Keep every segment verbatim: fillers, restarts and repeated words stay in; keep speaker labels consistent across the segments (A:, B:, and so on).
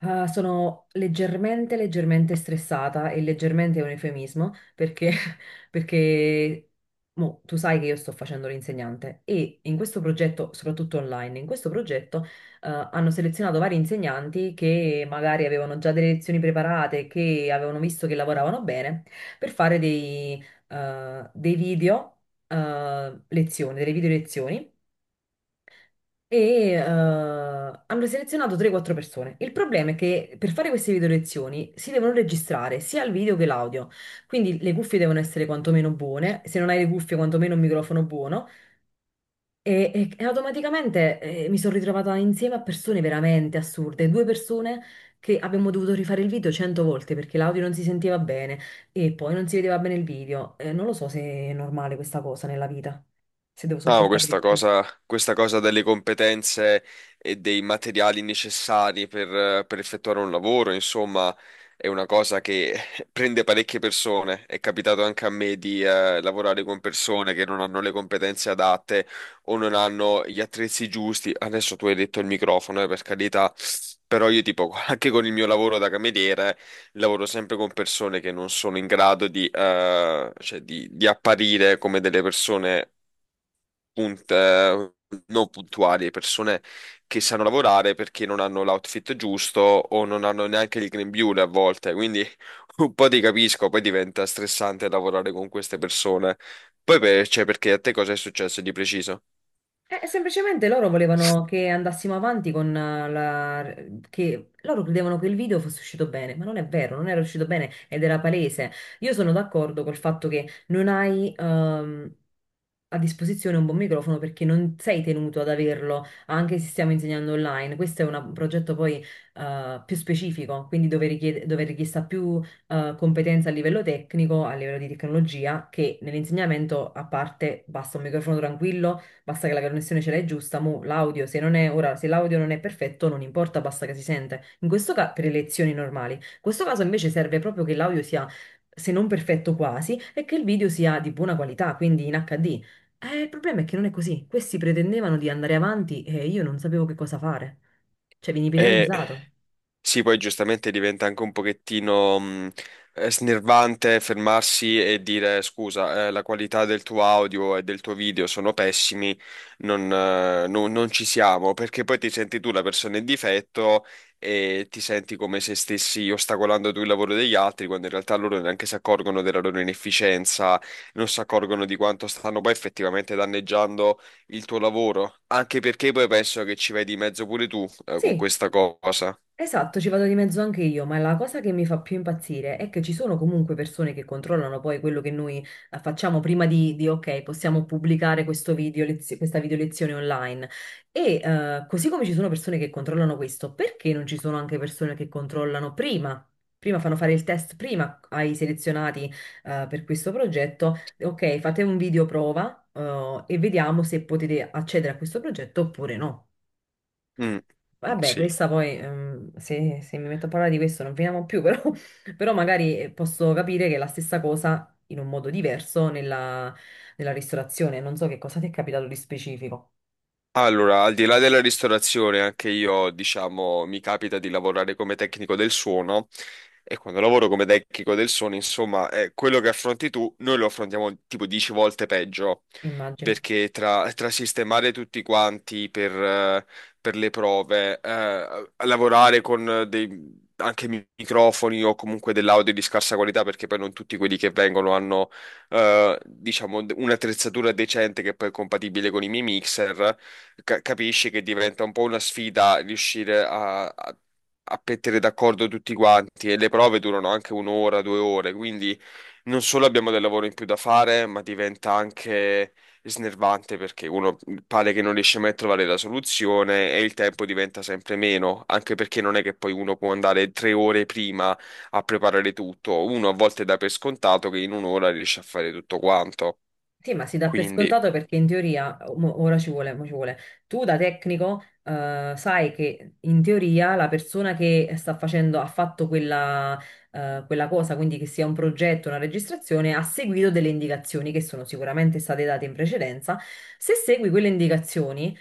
A: Ah, sono leggermente, leggermente stressata e leggermente è un eufemismo perché, perché mo, tu sai che io sto facendo l'insegnante e in questo progetto, soprattutto online, in questo progetto eh, hanno selezionato vari insegnanti che magari avevano già delle lezioni preparate, che avevano visto che lavoravano bene, per fare dei, eh, dei video eh, lezioni, delle video lezioni e eh, hanno selezionato tre o quattro persone. Il problema è che per fare queste video lezioni si devono registrare sia il video che l'audio, quindi le cuffie devono essere quantomeno buone, se non hai le cuffie quantomeno un microfono buono e, e- e automaticamente eh, mi sono ritrovata insieme a persone veramente assurde, due persone che abbiamo dovuto rifare il video cento volte perché l'audio non si sentiva bene e poi non si vedeva bene il video. Eh, non lo so se è normale questa cosa nella vita, se devo
B: No,
A: sopportare di
B: questa
A: più.
B: cosa, questa cosa delle competenze e dei materiali necessari per, eh, per effettuare un lavoro, insomma, è una cosa che prende parecchie persone. È capitato anche a me di eh, lavorare con persone che non hanno le competenze adatte o non hanno gli attrezzi giusti. Adesso tu hai detto il microfono, eh, per carità, però io tipo, anche con il mio lavoro da cameriere, lavoro sempre con persone che non sono in grado di, eh, cioè di, di apparire come delle persone punt- eh, non puntuali, persone che sanno lavorare perché non hanno l'outfit giusto o non hanno neanche il grembiule a volte, quindi un po' ti capisco, poi diventa stressante lavorare con queste persone. Poi per- cioè, perché a te cosa è successo di preciso?
A: Eh, semplicemente loro volevano che andassimo avanti con eh, la... che loro credevano che il video fosse uscito bene, ma non è vero, non era uscito bene ed era palese. Io sono d'accordo col fatto che non hai ehm, a disposizione un buon microfono perché non sei tenuto ad averlo, anche se stiamo insegnando online. Questo è una- un progetto poi eh, più specifico, quindi dove, richiede, dove è richiesta più eh, competenza a livello tecnico, a livello di tecnologia, che nell'insegnamento a parte basta un microfono tranquillo. Basta che la connessione ce l'hai giusta, mo l'audio, se non è, ora, se l'audio non è perfetto, non importa, basta che si sente. In questo caso, per le lezioni normali. In questo caso invece serve proprio che l'audio sia, se non perfetto quasi, e che il video sia di buona qualità, quindi in H D. Eh, il problema è che non è così. Questi pretendevano di andare avanti e io non sapevo che cosa fare. Cioè, vieni
B: Eh,
A: penalizzato.
B: Sì, poi giustamente diventa anche un pochettino mh, eh, snervante fermarsi e dire scusa, eh, la qualità del tuo audio e del tuo video sono pessimi, non, eh, no- non ci siamo, perché poi ti senti tu la persona in difetto e ti senti come se stessi ostacolando tu il lavoro degli altri, quando in realtà loro neanche si accorgono della loro inefficienza, non si accorgono di quanto stanno poi effettivamente danneggiando il tuo lavoro, anche perché poi penso che ci vai di mezzo pure tu, eh, con
A: Sì,
B: questa cosa.
A: esatto, ci vado di mezzo anche io, ma la cosa che mi fa più impazzire è che ci sono comunque persone che controllano poi quello che noi eh, facciamo prima di, di, ok, possiamo pubblicare questo video lezio- questa video lezione online. E eh, così come ci sono persone che controllano questo, perché non ci sono anche persone che controllano prima? Prima fanno fare il test prima ai selezionati eh, per questo progetto. Ok, fate un video prova eh, e vediamo se potete accedere a questo progetto oppure no.
B: Mm.
A: Vabbè,
B: Sì.
A: questa poi, ehm, se, se mi metto a parlare di questo non finiamo più, però, però magari eh, posso capire che è la stessa cosa in un modo diverso nella, nella ristorazione. Non so che cosa ti è capitato di specifico,
B: Allora, al di là della ristorazione, anche io, diciamo, mi capita di lavorare come tecnico del suono e quando lavoro come tecnico del suono, insomma, eh, quello che affronti tu, noi lo affrontiamo tipo dieci volte peggio,
A: immagino.
B: perché tra, tra sistemare tutti quanti per, eh, per le prove, eh, lavorare con eh, dei... anche mi- microfoni o comunque dell'audio di scarsa qualità, perché poi non tutti quelli che vengono hanno, eh, diciamo, d- un'attrezzatura decente che poi è compatibile con i miei mixer ca- capisci che diventa un po' una sfida riuscire a, a, a mettere d'accordo tutti quanti e le prove durano anche un'ora, due ore, quindi non solo abbiamo del lavoro in più da fare, ma diventa anche snervante perché uno pare che non riesce mai a trovare la soluzione e il tempo diventa sempre meno, anche perché non è che poi uno può andare tre ore prima a preparare tutto, uno a volte dà per scontato che in un'ora riesce a fare tutto quanto,
A: Sì, ma si dà per
B: quindi...
A: scontato perché in teoria, mo- ora ci vuole, mo ci vuole. Tu da tecnico, eh, sai che in teoria la persona che sta facendo, ha fatto quella, eh, quella cosa, quindi che sia un progetto, una registrazione, ha seguito delle indicazioni che sono sicuramente state date in precedenza. Se segui quelle indicazioni,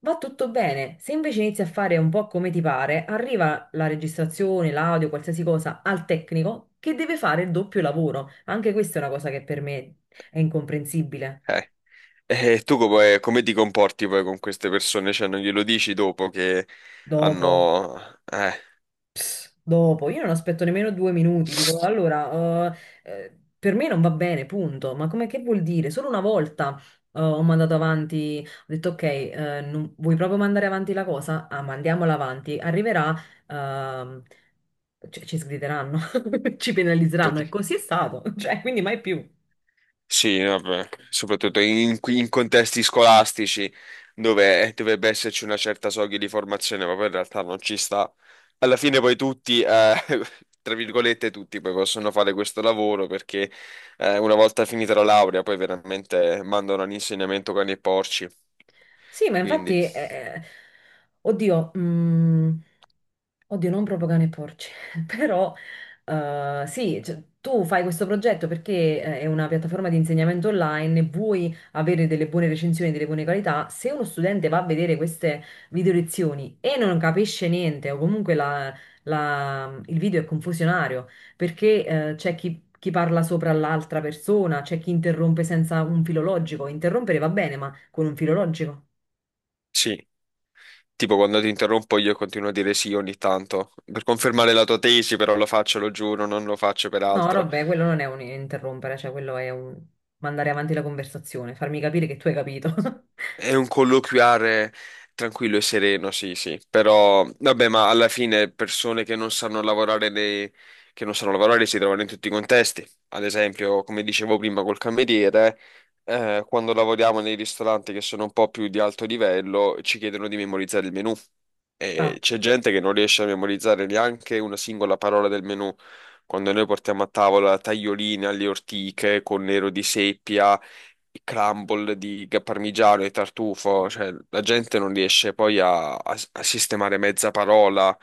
A: va tutto bene. Se invece inizi a fare un po' come ti pare, arriva la registrazione, l'audio, qualsiasi cosa al tecnico che deve fare il doppio lavoro. Anche questa è una cosa che per me è incomprensibile.
B: eh. E tu come, come ti comporti poi con queste persone? Cioè, non glielo dici dopo che
A: Dopo,
B: hanno... Eh,
A: dopo, io non aspetto nemmeno due minuti, dico allora, eh, eh, per me non va bene, punto. Ma come che vuol dire? Solo una volta eh, ho mandato avanti, ho detto ok, eh, non- vuoi proprio mandare avanti la cosa? Ah, mandiamola avanti, arriverà, ehm, cioè, ci sgrideranno, ci penalizzeranno e
B: prati-
A: così è stato, cioè, quindi mai più.
B: sì, vabbè, soprattutto in, in contesti scolastici dove dovrebbe esserci una certa soglia di formazione, ma poi in realtà non ci sta. Alla fine poi tutti, eh, tra virgolette, tutti poi possono fare questo lavoro perché eh, una volta finita la laurea poi veramente mandano all'insegnamento cani e porci.
A: Sì, ma
B: Quindi,
A: infatti, eh, eh, oddio, mm, oddio, non proprio cane e porci, però eh, sì, cioè, tu fai questo progetto perché eh, è una piattaforma di insegnamento online, vuoi avere delle buone recensioni, delle buone qualità. Se uno studente va a vedere queste video lezioni e non capisce niente, o comunque la- la- il video è confusionario, perché eh, c'è chi... Chi parla sopra l'altra persona, c'è chi interrompe senza un filologico. Interrompere va bene, ma con un filologico.
B: sì. Tipo quando ti interrompo io continuo a dire sì ogni tanto, per confermare la tua tesi, però lo faccio, lo giuro, non lo faccio per
A: No,
B: altro.
A: vabbè, quello non è un interrompere, cioè quello è un mandare avanti la conversazione, farmi capire che tu hai capito.
B: È un colloquiare tranquillo e sereno, sì, sì. Però, vabbè, ma alla fine persone che non sanno lavorare, nei- che non sanno lavorare si trovano in tutti i contesti. Ad esempio, come dicevo prima col cameriere, eh, quando lavoriamo nei ristoranti che sono un po' più di alto livello, ci chiedono di memorizzare il menù.
A: Ah,
B: E c'è gente che non riesce a memorizzare neanche una singola parola del menù. Quando noi portiamo a tavola taglioline alle ortiche con nero di seppia i crumble di ga- parmigiano e tartufo, cioè la gente non riesce poi a, a- a sistemare mezza parola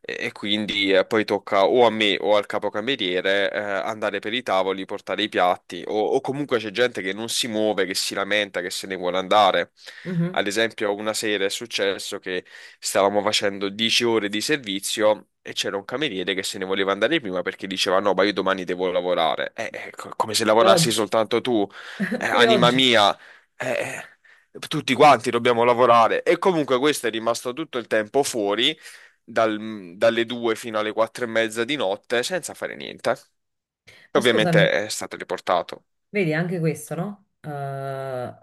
B: e, e quindi eh, poi tocca o a me o al capocameriere eh, andare per i tavoli, portare i piatti o, o comunque c'è gente che non si muove, che si lamenta, che se ne vuole andare.
A: mhm.
B: Ad esempio, una sera è successo che stavamo facendo dieci ore di servizio e c'era un cameriere che se ne voleva andare prima perché diceva: No, ma io domani devo lavorare. Eh, eh, co- come se
A: Pure
B: lavorassi
A: oggi,
B: soltanto tu. Eh,
A: pure
B: anima
A: oggi.
B: mia, eh, tutti quanti dobbiamo lavorare. E comunque questo è rimasto tutto il tempo fuori, dal- dalle due fino alle quattro e mezza di notte, senza fare niente.
A: Ma scusami.
B: Ovviamente è stato riportato.
A: Vedi, anche questo, no? Eh,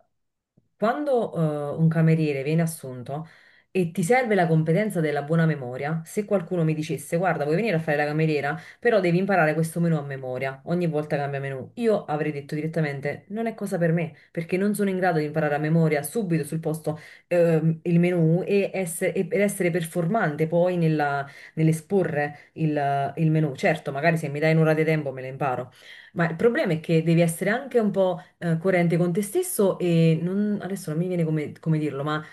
A: Quando eh, un cameriere viene assunto e ti serve la competenza della buona memoria, se qualcuno mi dicesse, guarda, vuoi venire a fare la cameriera, però devi imparare questo menù a memoria, ogni volta cambia menù, io avrei detto direttamente, non è cosa per me, perché non sono in grado di imparare a memoria subito sul posto ehm, il menù e essere, e per essere performante poi nella- nell'esporre il, il menù. Certo, magari se mi dai un'ora di tempo me lo imparo. Ma il problema è che devi essere anche un po' eh, coerente con te stesso e non- adesso non mi viene come, come dirlo, ma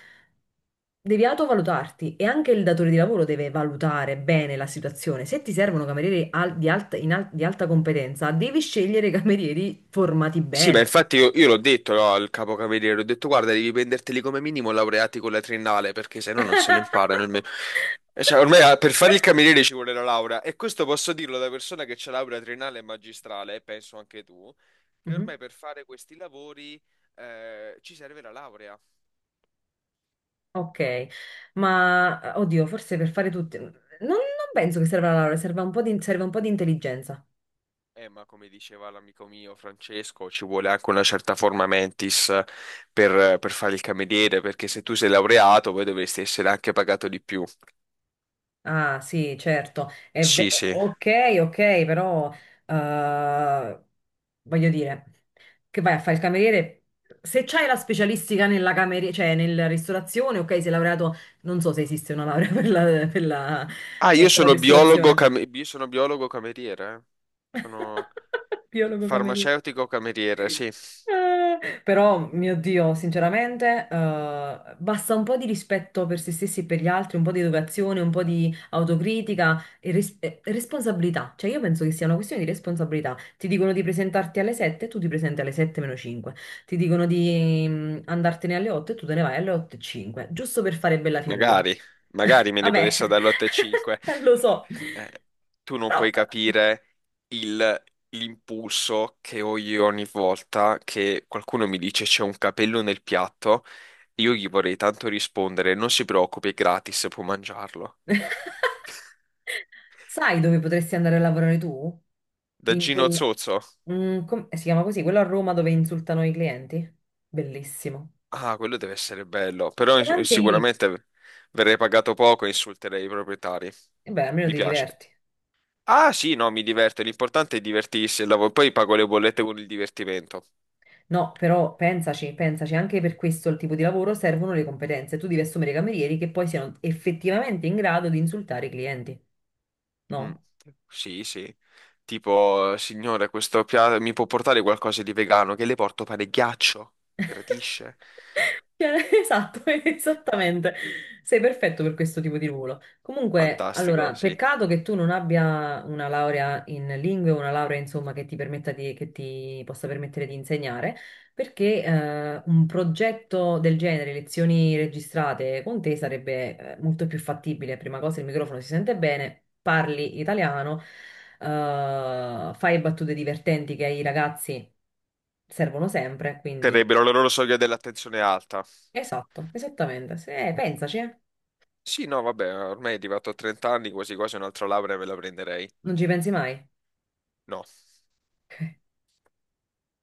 A: devi autovalutarti e anche il datore di lavoro deve valutare bene la situazione. Se ti servono camerieri al- di alta, in al- di alta competenza, devi scegliere camerieri formati
B: Sì, ma
A: bene.
B: infatti io, io l'ho detto no, al capocavaliere, ho detto guarda, devi prenderteli come minimo laureati con la triennale, perché se no non se lo imparano. Il me- E Cioè, ormai ah, per fare il cameriere ci vuole la laurea, e questo posso dirlo da persona che c'ha laurea triennale e magistrale, e penso anche tu, che
A: Mhm.
B: ormai per fare questi lavori eh, ci serve la laurea.
A: Ok, ma eh, oddio, forse per fare tutti... non, non penso che serva la laurea, serva un po' di, serve un po' di intelligenza.
B: Eh, ma come diceva l'amico mio Francesco, ci vuole anche una certa forma mentis per, per fare il cameriere, perché se tu sei laureato poi dovresti essere anche pagato di più.
A: Ah, sì, certo. È ve-
B: Sì, sì.
A: ok, ok, però eh, voglio dire che vai a fare il cameriere. Se c'hai la specialistica nella cameriera, cioè nella ristorazione, ok, sei laureato, non so se esiste una laurea per la, per la-
B: Ah, io
A: eh, per la
B: sono biologo,
A: ristorazione.
B: cam- io sono biologo cameriere. eh. Sono
A: Biologo cameriere.
B: farmaceutico cameriere, sì.
A: Eh, Però, mio Dio, sinceramente, eh, basta un po' di rispetto per se stessi e per gli altri, un po' di educazione, un po' di autocritica e, res- e responsabilità. Cioè, io penso che sia una questione di responsabilità. Ti dicono di presentarti alle sette e tu ti presenti alle sette meno cinque. Ti dicono di mm, andartene alle otto e tu te ne vai alle otto e cinque, giusto per fare bella figura.
B: Magari, magari me li
A: Vabbè,
B: potesse dare l'otto virgola cinque.
A: lo so,
B: Eh, tu non
A: però...
B: puoi capire il- l'impulso che ho io ogni volta che qualcuno mi dice c'è un capello nel piatto. Io gli vorrei tanto rispondere, non si preoccupi, è gratis, può mangiarlo.
A: Sai dove potresti andare a lavorare tu?
B: Da
A: In
B: Gino
A: quel...
B: Zozzo.
A: Mm, com- eh, si chiama così, quello a Roma dove insultano i clienti? Bellissimo.
B: Ah, quello deve essere bello, però
A: E
B: eh,
A: anche lì,
B: sicuramente verrei pagato poco e insulterei i proprietari.
A: e beh, almeno
B: Mi
A: ti
B: piace.
A: diverti.
B: Ah, sì, no, mi diverto, l'importante è divertirsi e il lavoro. Poi pago le bollette con il divertimento.
A: No, però pensaci, pensaci, anche per questo il tipo di lavoro servono le competenze. Tu devi assumere i camerieri che poi siano effettivamente in grado di insultare i clienti,
B: Mm.
A: no?
B: Sì, sì. Tipo, signore, questo piatto mi può portare qualcosa di vegano? Che le porto pane e ghiaccio? Gradisce?
A: Cioè, esatto, esattamente. Sei perfetto per questo tipo di ruolo. Comunque,
B: Fantastico,
A: allora,
B: sì.
A: peccato che tu non abbia una laurea in lingue, una laurea, insomma, che ti permetta di, che ti possa permettere di insegnare, perché eh, un progetto del genere, lezioni registrate con te, sarebbe eh, molto più fattibile. Prima cosa, il microfono si sente bene, parli italiano, eh, fai battute divertenti che ai ragazzi servono sempre, quindi.
B: Terrebbero la loro soglia dell'attenzione alta.
A: Esatto, esattamente. Se- pensaci, eh.
B: Sì, no, vabbè, ormai è arrivato a trenta anni, quasi quasi un'altra laurea me la prenderei.
A: Non ci pensi mai.
B: No.